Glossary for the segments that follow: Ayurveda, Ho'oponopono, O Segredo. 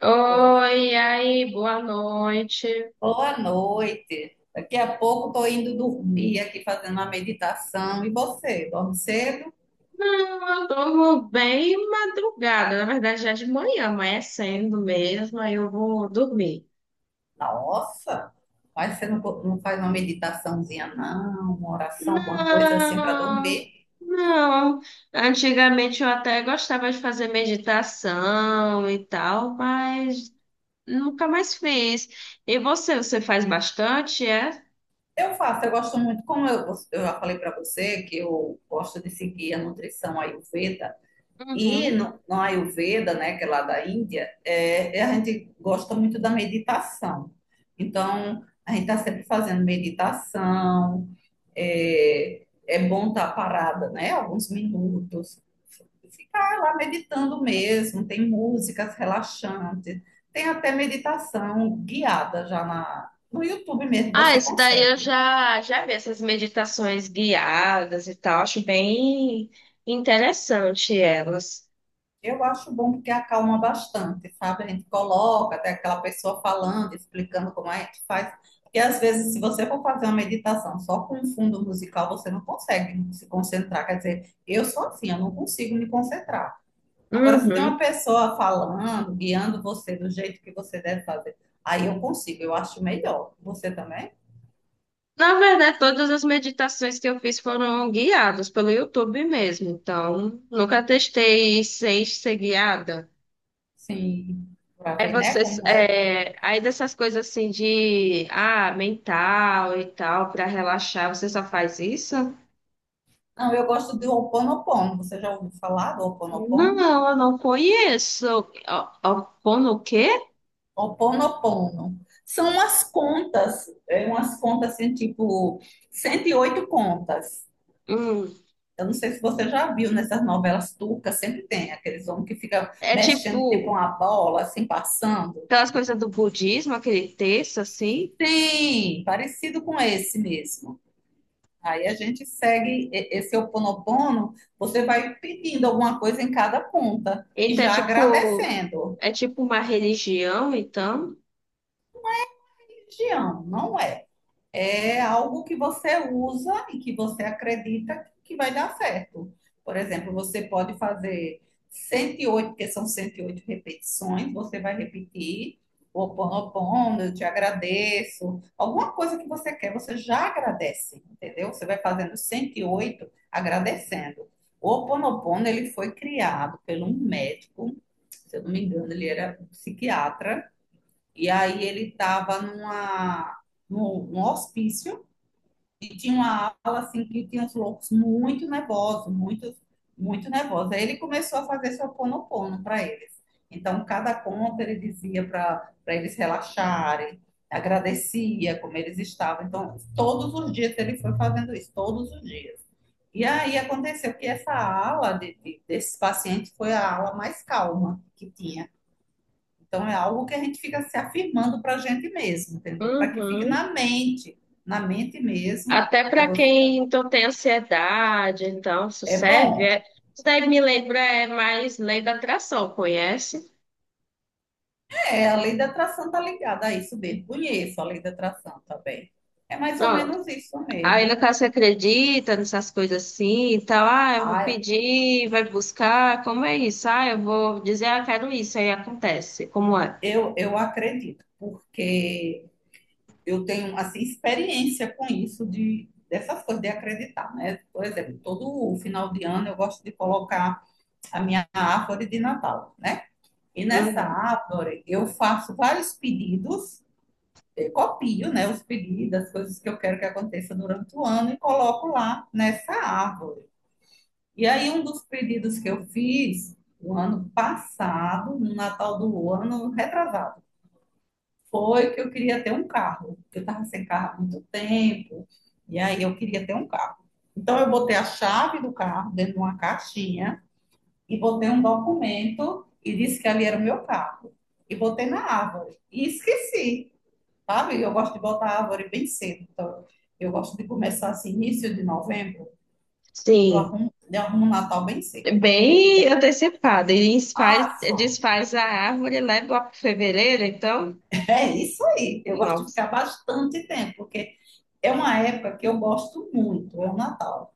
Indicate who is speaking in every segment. Speaker 1: Oi, e aí, boa noite.
Speaker 2: Boa noite. Daqui a pouco estou indo dormir aqui fazendo uma meditação. E você, dorme cedo?
Speaker 1: Não, eu durmo bem madrugada, na verdade já de manhã, amanhecendo mesmo, aí eu vou dormir.
Speaker 2: Nossa, mas você não, não faz uma meditaçãozinha, não, uma oração, alguma coisa assim para
Speaker 1: Não,
Speaker 2: dormir?
Speaker 1: não. Antigamente eu até gostava de fazer meditação e tal, mas nunca mais fiz. E você faz bastante, é?
Speaker 2: Eu faço, eu gosto muito, como eu já falei para você, que eu gosto de seguir a nutrição Ayurveda. E
Speaker 1: Uhum.
Speaker 2: no Ayurveda, né, que é lá da Índia, a gente gosta muito da meditação. Então, a gente está sempre fazendo meditação. É bom estar parada, né? Alguns minutos. Ficar lá meditando mesmo. Tem músicas relaxantes. Tem até meditação guiada já no YouTube mesmo,
Speaker 1: Ah,
Speaker 2: você
Speaker 1: esse daí eu
Speaker 2: consegue.
Speaker 1: já vi essas meditações guiadas e tal, acho bem interessante elas.
Speaker 2: Eu acho bom porque acalma bastante, sabe? A gente coloca até aquela pessoa falando, explicando como é que faz. Porque às vezes, se você for fazer uma meditação só com um fundo musical, você não consegue se concentrar. Quer dizer, eu sou assim, eu não consigo me concentrar. Agora, se tem uma
Speaker 1: Uhum.
Speaker 2: pessoa falando, guiando você do jeito que você deve fazer, aí eu consigo, eu acho melhor. Você também?
Speaker 1: Na verdade, todas as meditações que eu fiz foram guiadas pelo YouTube mesmo, então nunca testei sem ser guiada.
Speaker 2: Sim, para
Speaker 1: Aí
Speaker 2: ver, né,
Speaker 1: vocês,
Speaker 2: como é.
Speaker 1: é, aí dessas coisas assim de, ah, mental e tal, para relaxar, você só faz isso?
Speaker 2: Não, eu gosto de Ho'oponopono. Você já ouviu falar do Ho'oponopono?
Speaker 1: Não, eu não conheço. Opono o quê?
Speaker 2: Ho'oponopono. São umas contas, é umas contas assim, tipo 108 contas.
Speaker 1: Hum.
Speaker 2: Eu não sei se você já viu nessas novelas turcas, sempre tem aqueles homens que ficam
Speaker 1: É
Speaker 2: mexendo tipo
Speaker 1: tipo,
Speaker 2: uma bola, assim, passando.
Speaker 1: aquelas coisas do budismo, aquele texto, assim.
Speaker 2: Sim, parecido com esse mesmo. Aí a gente segue esse Ho'oponopono, você vai pedindo alguma coisa em cada ponta e
Speaker 1: Então, é
Speaker 2: já
Speaker 1: tipo,
Speaker 2: agradecendo.
Speaker 1: é tipo uma religião, então.
Speaker 2: Religião, não é? É algo que você usa e que você acredita que vai dar certo. Por exemplo, você pode fazer 108, porque são 108 repetições, você vai repetir o Ho'oponopono, eu te agradeço. Alguma coisa que você quer, você já agradece, entendeu? Você vai fazendo 108 agradecendo. O Ho'oponopono, ele foi criado por um médico, se eu não me engano, ele era um psiquiatra, e aí ele estava num hospício e tinha uma aula assim que tinha os loucos muito nervosos, muito nervosos. Aí ele começou a fazer seu ponopono para eles. Então, cada conta ele dizia para eles relaxarem, agradecia como eles estavam. Então, todos os dias ele foi fazendo isso, todos os dias. E aí aconteceu que essa ala desse paciente foi a ala mais calma que tinha. Então, é algo que a gente fica se afirmando para a gente mesmo, entendeu? Para que fique
Speaker 1: Uhum.
Speaker 2: na mente mesmo.
Speaker 1: Até
Speaker 2: Aí
Speaker 1: para
Speaker 2: você,
Speaker 1: quem então tem ansiedade, então isso
Speaker 2: é
Speaker 1: serve.
Speaker 2: bom.
Speaker 1: É... Isso daí me lembra é mais lei da atração, conhece?
Speaker 2: É, a lei da atração tá ligada a isso mesmo. Conheço a lei da atração também. É mais ou
Speaker 1: Pronto.
Speaker 2: menos isso
Speaker 1: Aí no
Speaker 2: mesmo.
Speaker 1: caso você acredita nessas coisas assim e tal, ah, eu vou
Speaker 2: Ah,
Speaker 1: pedir, vai buscar, como é isso? Ah, eu vou dizer, ah, quero isso, aí acontece. Como é?
Speaker 2: eu acredito, porque eu tenho, assim, experiência com isso dessas coisas de acreditar, né? Por exemplo, todo final de ano eu gosto de colocar a minha árvore de Natal, né? E nessa
Speaker 1: Uhum.
Speaker 2: App, eu faço vários pedidos, eu copio, né, os pedidos, as coisas que eu quero que aconteça durante o ano e coloco lá nessa árvore. E aí, um dos pedidos que eu fiz no ano passado, no Natal do ano retrasado, foi que eu queria ter um carro, porque eu estava sem carro há muito tempo, e aí eu queria ter um carro. Então, eu botei a chave do carro dentro de uma caixinha e botei um documento e disse que ali era o meu carro. E botei na árvore. E esqueci, sabe? Eu gosto de botar a árvore bem cedo. Então, eu gosto de começar assim, início de novembro,
Speaker 1: Sim.
Speaker 2: eu arrumo o Natal bem cedo. E
Speaker 1: Bem
Speaker 2: é
Speaker 1: antecipada. E desfaz,
Speaker 2: fácil.
Speaker 1: desfaz a árvore, leva lá para fevereiro, então.
Speaker 2: É isso aí. Eu gosto de
Speaker 1: Nossa.
Speaker 2: ficar bastante tempo, porque é uma época que eu gosto muito, é o Natal.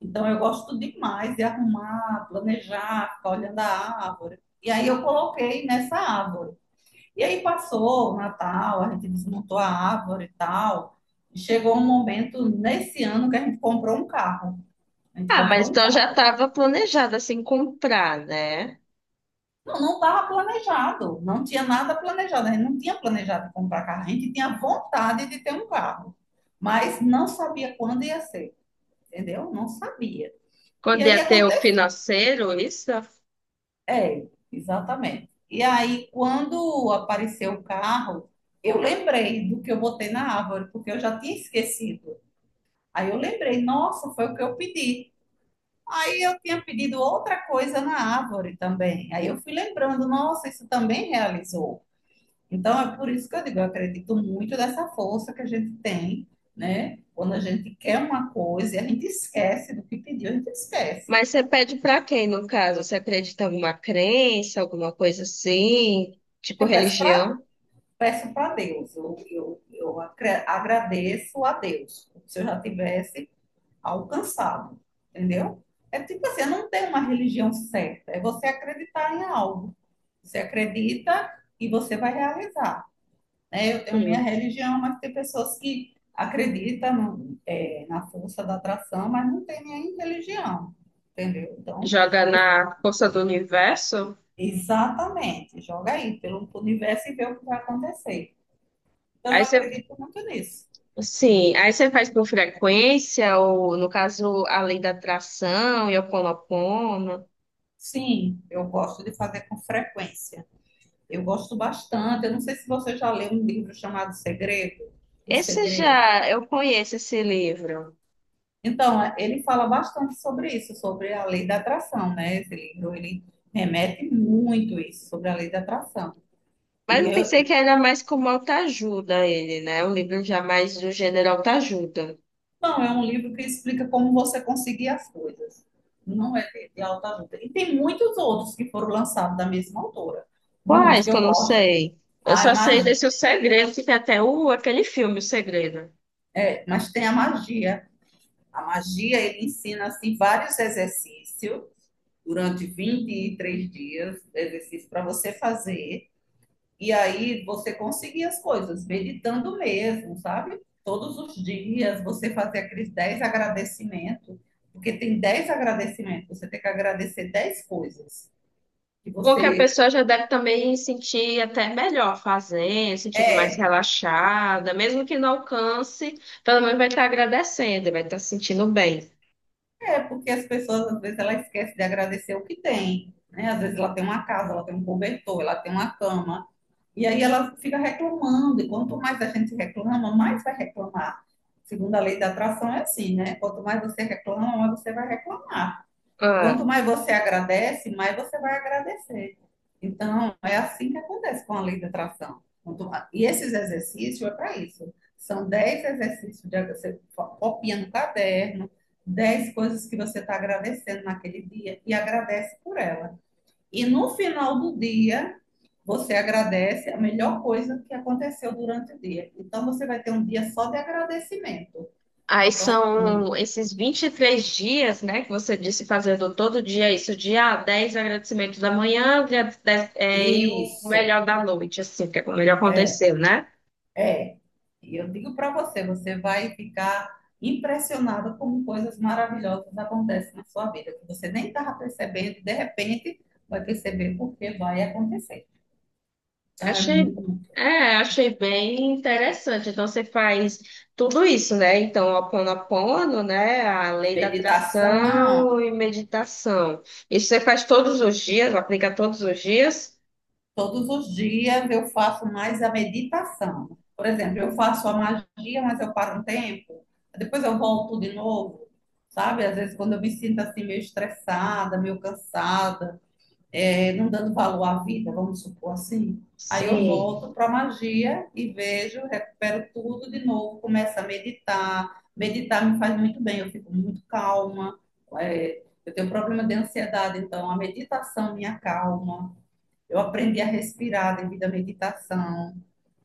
Speaker 2: Então eu gosto demais de arrumar, planejar, ficar olhando a árvore. E aí eu coloquei nessa árvore. E aí passou o Natal, a gente desmontou a árvore e tal. E chegou um momento nesse ano que a gente comprou um carro. A gente
Speaker 1: Ah,
Speaker 2: comprou
Speaker 1: mas
Speaker 2: um
Speaker 1: então já
Speaker 2: carro.
Speaker 1: estava planejado assim comprar, né?
Speaker 2: Não, não estava planejado, não tinha nada planejado. A gente não tinha planejado comprar carro. A gente tinha vontade de ter um carro, mas não sabia quando ia ser, entendeu? Não sabia. E
Speaker 1: Quando
Speaker 2: aí
Speaker 1: ia ter o
Speaker 2: aconteceu.
Speaker 1: financeiro, isso.
Speaker 2: É, exatamente. E aí, quando apareceu o carro, eu lembrei do que eu botei na árvore, porque eu já tinha esquecido. Aí eu lembrei, nossa, foi o que eu pedi. Aí eu tinha pedido outra coisa na árvore também. Aí eu fui lembrando, nossa, isso também realizou. Então é por isso que eu digo, eu acredito muito nessa força que a gente tem, né? Quando a gente quer uma coisa e a gente esquece do que pediu, a gente esquece.
Speaker 1: Mas você pede para quem, no caso? Você acredita em alguma crença, alguma coisa assim? Tipo
Speaker 2: Eu peço para
Speaker 1: religião?
Speaker 2: Peço para Deus, agradeço a Deus. Se eu já tivesse alcançado, entendeu? É tipo assim, não tem uma religião certa, é você acreditar em algo. Você acredita e você vai realizar. Né? Eu tenho minha
Speaker 1: Sim.
Speaker 2: religião, mas tem pessoas que acreditam na força da atração, mas não tem nenhuma religião, entendeu? Então,
Speaker 1: Joga
Speaker 2: é-
Speaker 1: na força do universo?
Speaker 2: exatamente, joga aí pelo universo e vê o que vai acontecer. Então, eu
Speaker 1: Aí você,
Speaker 2: acredito muito nisso.
Speaker 1: sim, aí você faz com frequência, ou no caso, a lei da atração, e o
Speaker 2: Sim, eu gosto de fazer com frequência. Eu gosto bastante. Eu não sei se você já leu um livro chamado Segredo. O
Speaker 1: Esse
Speaker 2: Segredo.
Speaker 1: já, eu conheço esse livro,
Speaker 2: Então, ele fala bastante sobre isso, sobre a lei da atração, né? Esse livro, ele remete muito isso, sobre a lei da atração.
Speaker 1: mas
Speaker 2: E
Speaker 1: eu
Speaker 2: eu,
Speaker 1: pensei que
Speaker 2: e-
Speaker 1: era mais como autoajuda ele, né? Um livro já mais do gênero autoajuda.
Speaker 2: não, é um livro que explica como você conseguir as coisas. Não é de autoajuda. E tem muitos outros que foram lançados da mesma autora. Muitos
Speaker 1: Quais
Speaker 2: que
Speaker 1: que eu
Speaker 2: eu
Speaker 1: não
Speaker 2: gosto.
Speaker 1: sei? Eu
Speaker 2: Ai,
Speaker 1: só
Speaker 2: mas,
Speaker 1: sei desse O Segredo, que tem até o, aquele filme, O Segredo.
Speaker 2: mas tem a magia. A magia, ele ensina, assim, vários exercícios durante 23 dias, exercício para você fazer, e aí você conseguir as coisas, meditando mesmo, sabe? Todos os dias você fazer aqueles 10 agradecimentos, porque tem 10 agradecimentos, você tem que agradecer 10 coisas que
Speaker 1: Bom, que a
Speaker 2: você
Speaker 1: pessoa já deve também sentir até melhor fazendo, sentindo mais
Speaker 2: é.
Speaker 1: relaxada, mesmo que não alcance, pelo menos vai estar agradecendo, vai estar se sentindo bem.
Speaker 2: É, porque as pessoas, às vezes, ela esquece de agradecer o que tem, né? Às vezes ela tem uma casa, ela tem um cobertor, ela tem uma cama, e aí ela fica reclamando, e quanto mais a gente reclama, mais vai reclamar. Segundo a lei da atração, é assim, né? Quanto mais você reclama, mais você vai reclamar. E
Speaker 1: Ah,
Speaker 2: quanto mais você agradece, mais você vai agradecer. Então, é assim que acontece com a lei da atração. E esses exercícios é para isso. São 10 exercícios de você copia no caderno, 10 coisas que você está agradecendo naquele dia e agradece por ela. E no final do dia, você agradece a melhor coisa que aconteceu durante o dia. Então, você vai ter um dia só de agradecimento.
Speaker 1: aí
Speaker 2: Então,
Speaker 1: são esses 23 dias, né, que você disse fazendo todo dia isso, dia dez 10 agradecimentos da manhã, dia 10 é, e o
Speaker 2: isso,
Speaker 1: melhor da noite, assim, que é o melhor
Speaker 2: é,
Speaker 1: aconteceu, né?
Speaker 2: é. E eu digo para você, você vai ficar impressionado como coisas maravilhosas acontecem na sua vida, que você nem estava percebendo, de repente vai perceber porque vai acontecer. Então, é
Speaker 1: Achei,
Speaker 2: muito.
Speaker 1: achei bem interessante. Então você faz tudo isso, né? Então, Ho'oponopono, né, a lei da
Speaker 2: Meditação.
Speaker 1: atração e meditação. Isso você faz todos os dias, aplica todos os dias?
Speaker 2: Todos os dias eu faço mais a meditação. Por exemplo, eu faço a magia, mas eu paro um tempo, depois eu volto de novo, sabe? Às vezes, quando eu me sinto assim, meio estressada, meio cansada, não dando valor à vida, vamos supor assim, aí eu
Speaker 1: Sim.
Speaker 2: volto para a magia e vejo, recupero tudo de novo, começo a meditar. Meditar me faz muito bem, eu fico muito calma. Eu tenho problema de ansiedade, então a meditação me acalma. Eu aprendi a respirar devido à meditação.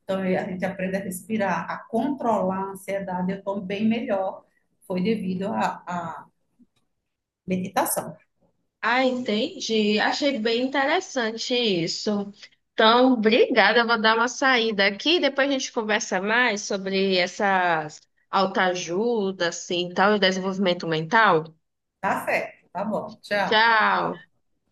Speaker 2: Então, a gente aprende a respirar, a controlar a ansiedade. Eu estou bem melhor. Foi devido à meditação.
Speaker 1: Ah, entendi. Achei bem interessante isso. Então, obrigada. Eu vou dar uma saída aqui. Depois a gente conversa mais sobre essas autoajuda, assim, tal, e desenvolvimento mental.
Speaker 2: Tá certo, tá bom. Tchau.
Speaker 1: Tchau.